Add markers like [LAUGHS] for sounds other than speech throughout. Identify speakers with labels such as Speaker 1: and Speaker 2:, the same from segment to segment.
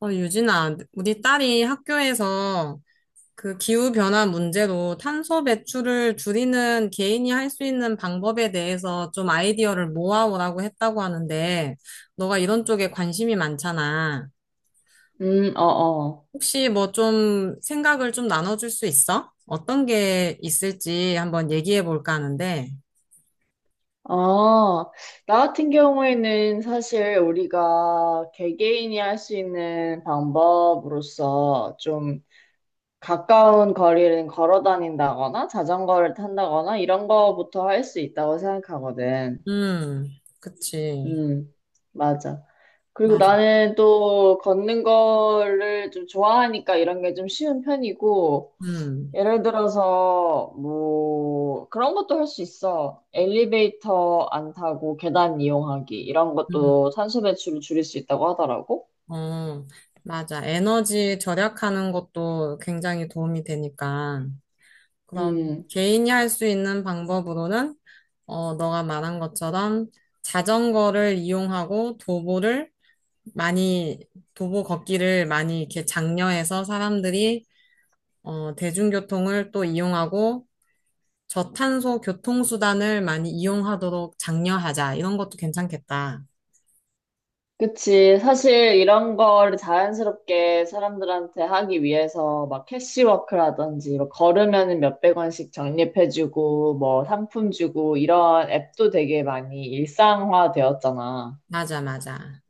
Speaker 1: 유진아, 우리 딸이 학교에서 그 기후변화 문제로 탄소 배출을 줄이는 개인이 할 수 있는 방법에 대해서 좀 아이디어를 모아오라고 했다고 하는데, 너가 이런 쪽에 관심이 많잖아.
Speaker 2: 어, 어.
Speaker 1: 혹시 뭐 좀 생각을 좀 나눠줄 수 있어? 어떤 게 있을지 한번 얘기해 볼까 하는데,
Speaker 2: 아, 나 같은 경우에는 사실 우리가 개개인이 할 수 있는 방법으로서 좀 가까운 거리를 걸어 다닌다거나 자전거를 탄다거나 이런 거부터 할 수 있다고 생각하거든.
Speaker 1: 음, 그치.
Speaker 2: 음, 맞아. 그리고
Speaker 1: 맞아.
Speaker 2: 나는 또 걷는 거를 좀 좋아하니까 이런 게 좀 쉬운 편이고,
Speaker 1: 음,
Speaker 2: 예를 들어서 뭐 그런 것도 할 수 있어. 엘리베이터 안 타고 계단 이용하기 이런
Speaker 1: 음,
Speaker 2: 것도 탄소 배출을 줄일 수 있다고 하더라고.
Speaker 1: 어, 맞아. 에너지 절약하는 것도 굉장히 도움이 되니까. 그럼
Speaker 2: 음,
Speaker 1: 개인이 할 수 있는 방법으로는, 너가 말한 것처럼 자전거를 이용하고 도보를 많이, 도보 걷기를 많이 이렇게 장려해서 사람들이, 대중교통을 또 이용하고 저탄소 교통수단을 많이 이용하도록 장려하자. 이런 것도 괜찮겠다.
Speaker 2: 그치. 사실 이런 거를 자연스럽게 사람들한테 하기 위해서 막 캐시워크라든지 뭐 걸으면 몇백 원씩 적립해주고 뭐 상품 주고 이런 앱도 되게 많이 일상화 되었잖아.
Speaker 1: 맞아, 맞아.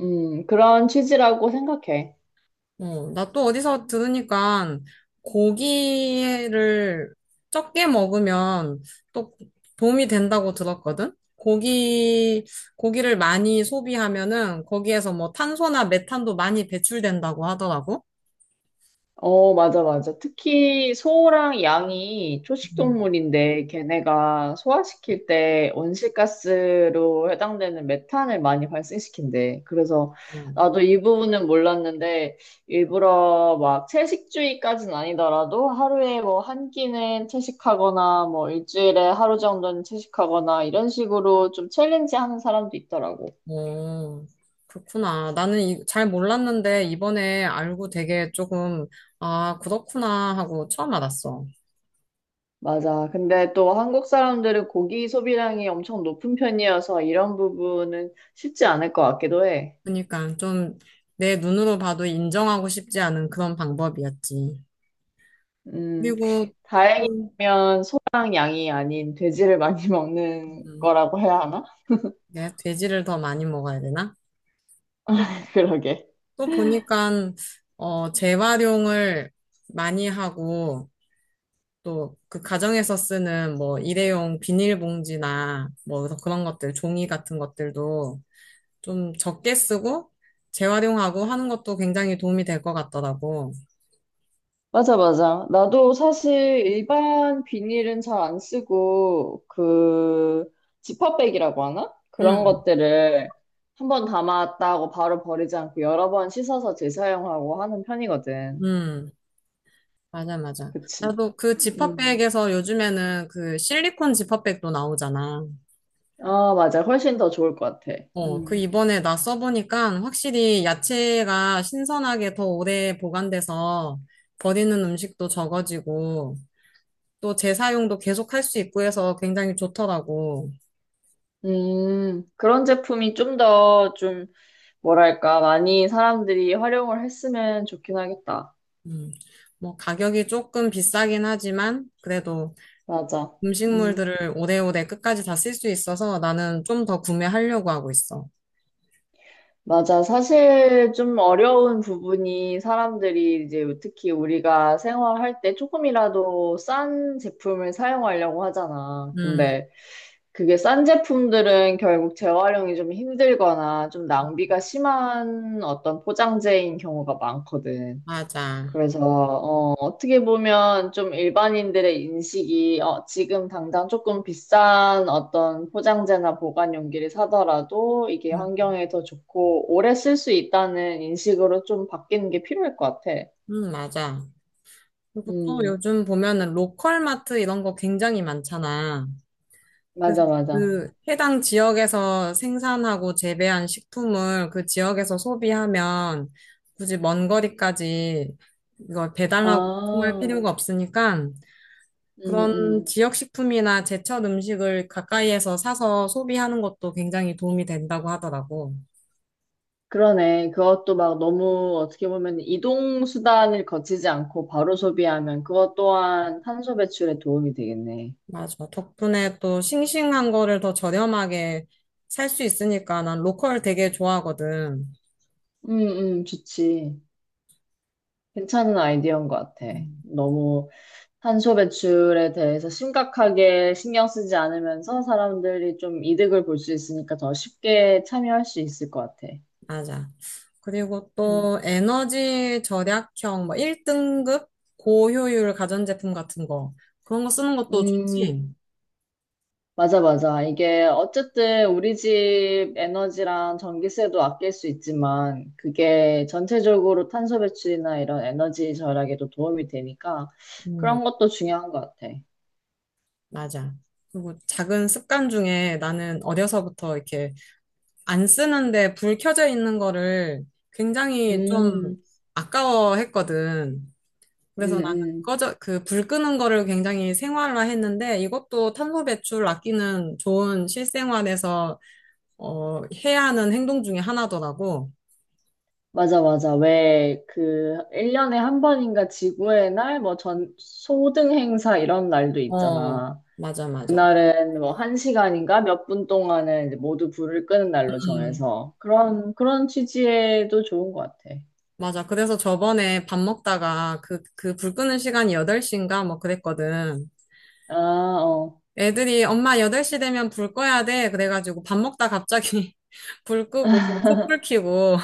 Speaker 2: 그런 취지라고 생각해.
Speaker 1: 나 또 어디서 들으니까 고기를 적게 먹으면 또 도움이 된다고 들었거든? 고기, 고기를 많이 소비하면은 거기에서 뭐 탄소나 메탄도 많이 배출된다고 하더라고.
Speaker 2: 어, 맞아, 맞아. 특히 소랑 양이
Speaker 1: 음,
Speaker 2: 초식동물인데 걔네가 소화시킬 때 온실가스로 해당되는 메탄을 많이 발생시킨대. 그래서
Speaker 1: 음.
Speaker 2: 나도 이 부분은 몰랐는데 일부러 막 채식주의까지는 아니더라도 하루에 뭐 한 끼는 채식하거나 뭐 일주일에 하루 정도는 채식하거나 이런 식으로 좀 챌린지 하는 사람도 있더라고.
Speaker 1: 어, 그렇구나. 나는 잘 몰랐는데 이번에 알고 되게 조금, 아, 그렇구나 하고 처음 알았어.
Speaker 2: 맞아. 근데 또 한국 사람들은 고기 소비량이 엄청 높은 편이어서 이런 부분은 쉽지 않을 것 같기도 해.
Speaker 1: 그러니까 좀 내 눈으로 봐도 인정하고 싶지 않은 그런 방법이었지.
Speaker 2: 음,
Speaker 1: 그리고 또,
Speaker 2: 다행이면 소랑 양이 아닌 돼지를 많이 [LAUGHS] 먹는
Speaker 1: 음,
Speaker 2: 거라고 해야 하나?
Speaker 1: 내가 돼지를 더 많이 먹어야 되나? 또,
Speaker 2: [LAUGHS] 그러게.
Speaker 1: 또 보니까 재활용을 많이 하고 또 그 가정에서 쓰는 뭐 일회용 비닐봉지나 뭐 그런 것들 종이 같은 것들도 좀 적게 쓰고 재활용하고 하는 것도 굉장히 도움이 될 것 같더라고.
Speaker 2: 맞아, 맞아. 나도 사실 일반 비닐은 잘 안 쓰고, 그, 지퍼백이라고 하나? 그런
Speaker 1: 음,
Speaker 2: 것들을 한번 담았다고 바로 버리지 않고 여러 번 씻어서 재사용하고 하는 편이거든.
Speaker 1: 음, 맞아, 맞아.
Speaker 2: 그치?
Speaker 1: 나도 그
Speaker 2: 음.
Speaker 1: 지퍼백에서 요즘에는 그 실리콘 지퍼백도 나오잖아.
Speaker 2: 아 맞아. 훨씬 더 좋을 것 같아.
Speaker 1: 그
Speaker 2: 음.
Speaker 1: 이번에 나 써보니까 확실히 야채가 신선하게 더 오래 보관돼서 버리는 음식도 적어지고 또 재사용도 계속 할 수 있고 해서 굉장히 좋더라고.
Speaker 2: 그런 제품이 좀 더 좀, 뭐랄까, 많이 사람들이 활용을 했으면 좋긴 하겠다.
Speaker 1: 음, 뭐 가격이 조금 비싸긴 하지만 그래도
Speaker 2: 맞아. 음,
Speaker 1: 음식물들을 오래오래 끝까지 다 쓸 수 있어서 나는 좀 더 구매하려고 하고 있어.
Speaker 2: 맞아. 사실 좀 어려운 부분이 사람들이 이제 특히 우리가 생활할 때 조금이라도 싼 제품을 사용하려고 하잖아.
Speaker 1: 음,
Speaker 2: 근데 그게 싼 제품들은 결국 재활용이 좀 힘들거나 좀 낭비가 심한 어떤 포장재인 경우가 많거든.
Speaker 1: 맞아.
Speaker 2: 그래서 어떻게 보면 좀 일반인들의 인식이 지금 당장 조금 비싼 어떤 포장재나 보관 용기를 사더라도 이게
Speaker 1: 음,
Speaker 2: 환경에 더 좋고 오래 쓸 수 있다는 인식으로 좀 바뀌는 게 필요할 것 같아.
Speaker 1: 맞아. 그리고 또
Speaker 2: 음,
Speaker 1: 요즘 보면은 로컬 마트 이런 거 굉장히 많잖아. 그래서
Speaker 2: 맞아, 맞아.
Speaker 1: 그 해당 지역에서 생산하고 재배한 식품을 그 지역에서 소비하면 굳이 먼 거리까지 이걸 배달하고 통할 필요가
Speaker 2: 아,
Speaker 1: 없으니까
Speaker 2: 음,
Speaker 1: 그런
Speaker 2: 음.
Speaker 1: 지역 식품이나 제철 음식을 가까이에서 사서 소비하는 것도 굉장히 도움이 된다고 하더라고.
Speaker 2: 그러네. 그것도 막 너무 어떻게 보면 이동 수단을 거치지 않고 바로 소비하면 그것 또한 탄소 배출에 도움이 되겠네.
Speaker 1: 맞아. 덕분에 또 싱싱한 거를 더 저렴하게 살 수 있으니까 난 로컬 되게 좋아하거든.
Speaker 2: 음, 좋지. 괜찮은 아이디어인 것 같아.
Speaker 1: 음.
Speaker 2: 너무 탄소 배출에 대해서 심각하게 신경 쓰지 않으면서 사람들이 좀 이득을 볼 수 있으니까 더 쉽게 참여할 수 있을 것 같아.
Speaker 1: 맞아. 그리고
Speaker 2: 음,
Speaker 1: 또 에너지 절약형, 뭐 1등급 고효율 가전제품 같은 거. 그런 거 쓰는 것도
Speaker 2: 음,
Speaker 1: 좋지.
Speaker 2: 맞아, 맞아. 이게 어쨌든 우리 집 에너지랑 전기세도 아낄 수 있지만 그게 전체적으로 탄소 배출이나 이런 에너지 절약에도 도움이 되니까
Speaker 1: 음,
Speaker 2: 그런 것도 중요한 것 같아.
Speaker 1: 맞아. 그리고 작은 습관 중에 나는 어려서부터 이렇게 안 쓰는데 불 켜져 있는 거를 굉장히 좀
Speaker 2: 음,
Speaker 1: 아까워했거든.
Speaker 2: 음,
Speaker 1: 그래서 나는
Speaker 2: 음.
Speaker 1: 꺼져, 그 불 끄는 거를 굉장히 생활화 했는데 이것도 탄소 배출 아끼는 좋은 실생활에서 해야 하는 행동 중에 하나더라고.
Speaker 2: 맞아, 맞아. 왜, 그, 1년에 한 번인가 지구의 날, 뭐, 전, 소등 행사 이런 날도
Speaker 1: 어,
Speaker 2: 있잖아.
Speaker 1: 맞아, 맞아.
Speaker 2: 그날은 뭐, 한 시간인가 몇 분 동안은 이제 모두 불을 끄는 날로
Speaker 1: 음,
Speaker 2: 정해서. 그런 취지에도 좋은 것 같아.
Speaker 1: 맞아. 그래서 저번에 밥 먹다가 그 불 끄는 시간이 8시인가 뭐 그랬거든.
Speaker 2: 아, 어.
Speaker 1: 애들이 엄마 8시 되면 불 꺼야 돼. 그래가지고 밥 먹다 갑자기 [LAUGHS] 불 끄고 촛불 켜고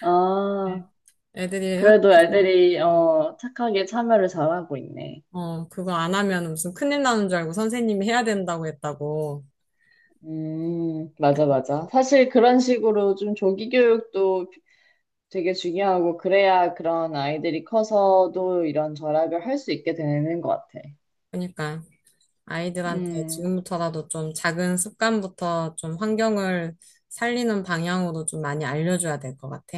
Speaker 2: 아,
Speaker 1: 애들이
Speaker 2: 그래도
Speaker 1: 학교에서
Speaker 2: 애들이, 착하게 참여를 잘하고 있네.
Speaker 1: 그거 안 하면 무슨 큰일 나는 줄 알고 선생님이 해야 된다고 했다고.
Speaker 2: 맞아, 맞아. 사실 그런 식으로 좀 조기 교육도 되게 중요하고 그래야 그런 아이들이 커서도 이런 절약을 할 수 있게 되는 것 같아.
Speaker 1: 그러니까 아이들한테
Speaker 2: 음,
Speaker 1: 지금부터라도 좀 작은 습관부터 좀 환경을 살리는 방향으로 좀 많이 알려줘야 될 것 같아.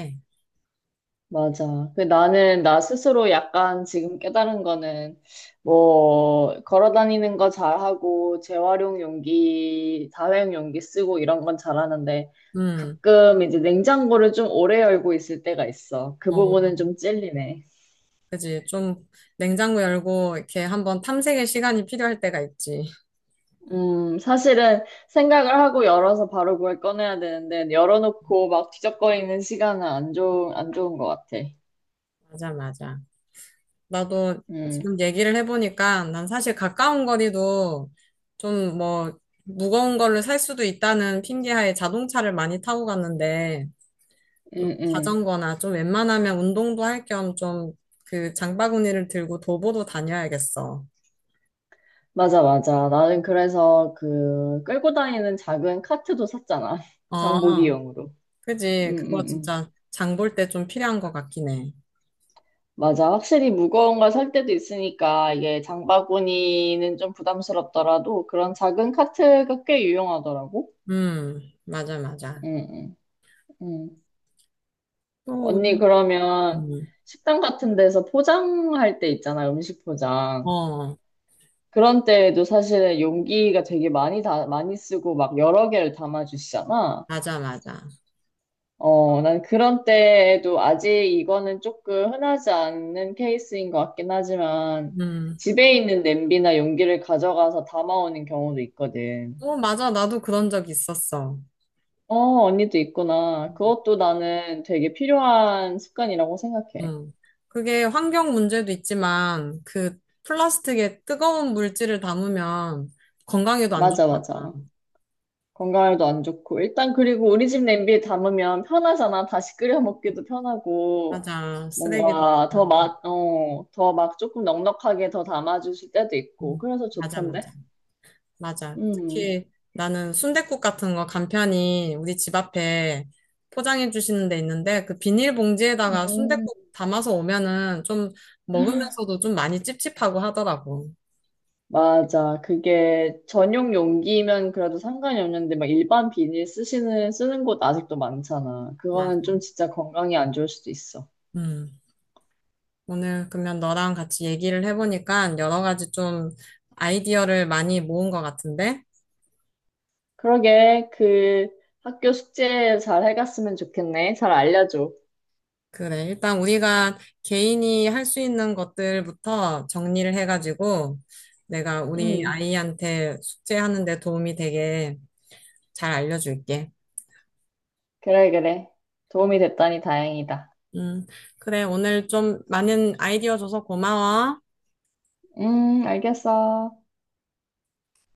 Speaker 2: 맞아. 그 나는 나 스스로 약간 지금 깨달은 거는 뭐 걸어 다니는 거 잘하고 재활용 용기, 다회용 용기 쓰고 이런 건 잘하는데
Speaker 1: 음,
Speaker 2: 가끔 이제 냉장고를 좀 오래 열고 있을 때가 있어. 그
Speaker 1: 어,
Speaker 2: 부분은 좀 찔리네.
Speaker 1: 그지. 좀 냉장고 열고 이렇게 한번 탐색의 시간이 필요할 때가 있지.
Speaker 2: 사실은 생각을 하고 열어서 바로 그걸 꺼내야 되는데, 열어놓고 막 뒤적거리는 시간은 안 좋은 것 같아.
Speaker 1: 맞아, 맞아. 나도
Speaker 2: 음,
Speaker 1: 지금 얘기를 해보니까 난 사실 가까운 거리도 좀 뭐 무거운 거를 살 수도 있다는 핑계하에 자동차를 많이 타고 갔는데
Speaker 2: 음,
Speaker 1: 좀
Speaker 2: 음.
Speaker 1: 자전거나 좀 웬만하면 운동도 할 겸 좀 그 장바구니를 들고 도보도 다녀야겠어.
Speaker 2: 맞아, 맞아. 나는 그래서 그 끌고 다니는 작은 카트도 샀잖아. [LAUGHS]
Speaker 1: 어,
Speaker 2: 장보기용으로.
Speaker 1: 그지.
Speaker 2: 음,
Speaker 1: 그거
Speaker 2: 음, 음.
Speaker 1: 진짜 장볼 때 좀 필요한 것 같긴 해.
Speaker 2: 맞아. 확실히 무거운 걸 살 때도 있으니까 이게 장바구니는 좀 부담스럽더라도 그런 작은 카트가 꽤 유용하더라고.
Speaker 1: 음, 맞아, 맞아.
Speaker 2: 음, 음, 음.
Speaker 1: 또
Speaker 2: 언니,
Speaker 1: 우리,
Speaker 2: 그러면
Speaker 1: 음,
Speaker 2: 식당 같은 데서 포장할 때 있잖아, 음식 포장.
Speaker 1: 어,
Speaker 2: 그런 때에도 사실은 용기가 되게 많이 많이 쓰고 막 여러 개를 담아주시잖아.
Speaker 1: 맞아, 맞아.
Speaker 2: 난 그런 때에도 아직 이거는 조금 흔하지 않는 케이스인 것 같긴 하지만
Speaker 1: 음,
Speaker 2: 집에 있는 냄비나 용기를 가져가서 담아오는 경우도 있거든.
Speaker 1: 맞아. 나도 그런 적 있었어.
Speaker 2: 어, 언니도 있구나. 그것도 나는 되게 필요한 습관이라고 생각해.
Speaker 1: 음, 그게 환경 문제도 있지만 그 플라스틱에 뜨거운 물질을 담으면 건강에도 안
Speaker 2: 맞아,
Speaker 1: 좋잖아.
Speaker 2: 맞아. 건강에도 안 좋고. 일단 그리고 우리 집 냄비에 담으면 편하잖아. 다시 끓여 먹기도 편하고,
Speaker 1: 맞아. 쓰레기도.
Speaker 2: 뭔가 더 막 조금 넉넉하게 더 담아주실 때도 있고. 그래서
Speaker 1: 맞아,
Speaker 2: 좋던데?
Speaker 1: 맞아. 맞아.
Speaker 2: 음.
Speaker 1: 특히 나는 순댓국 같은 거 간편히 우리 집 앞에 포장해 주시는 데 있는데 그 비닐봉지에다가
Speaker 2: 음.
Speaker 1: 순댓국 담아서 오면은 좀 먹으면서도 좀 많이 찝찝하고 하더라고.
Speaker 2: 맞아. 그게 전용 용기면 그래도 상관이 없는데, 막 일반 비닐 쓰시는, 쓰는 곳 아직도 많잖아. 그거는
Speaker 1: 맞아.
Speaker 2: 좀 진짜 건강에 안 좋을 수도 있어.
Speaker 1: 음. 오늘 그러면 너랑 같이 얘기를 해보니까 여러 가지 좀 아이디어를 많이 모은 것 같은데?
Speaker 2: 그러게, 그 학교 숙제 잘 해갔으면 좋겠네. 잘 알려줘.
Speaker 1: 그래. 일단 우리가 개인이 할 수 있는 것들부터 정리를 해가지고 내가 우리
Speaker 2: 음.
Speaker 1: 아이한테 숙제하는 데 도움이 되게 잘 알려줄게.
Speaker 2: 그래, 그래. 도움이 됐다니 다행이다.
Speaker 1: 음, 그래. 오늘 좀 많은 아이디어 줘서 고마워.
Speaker 2: 알겠어.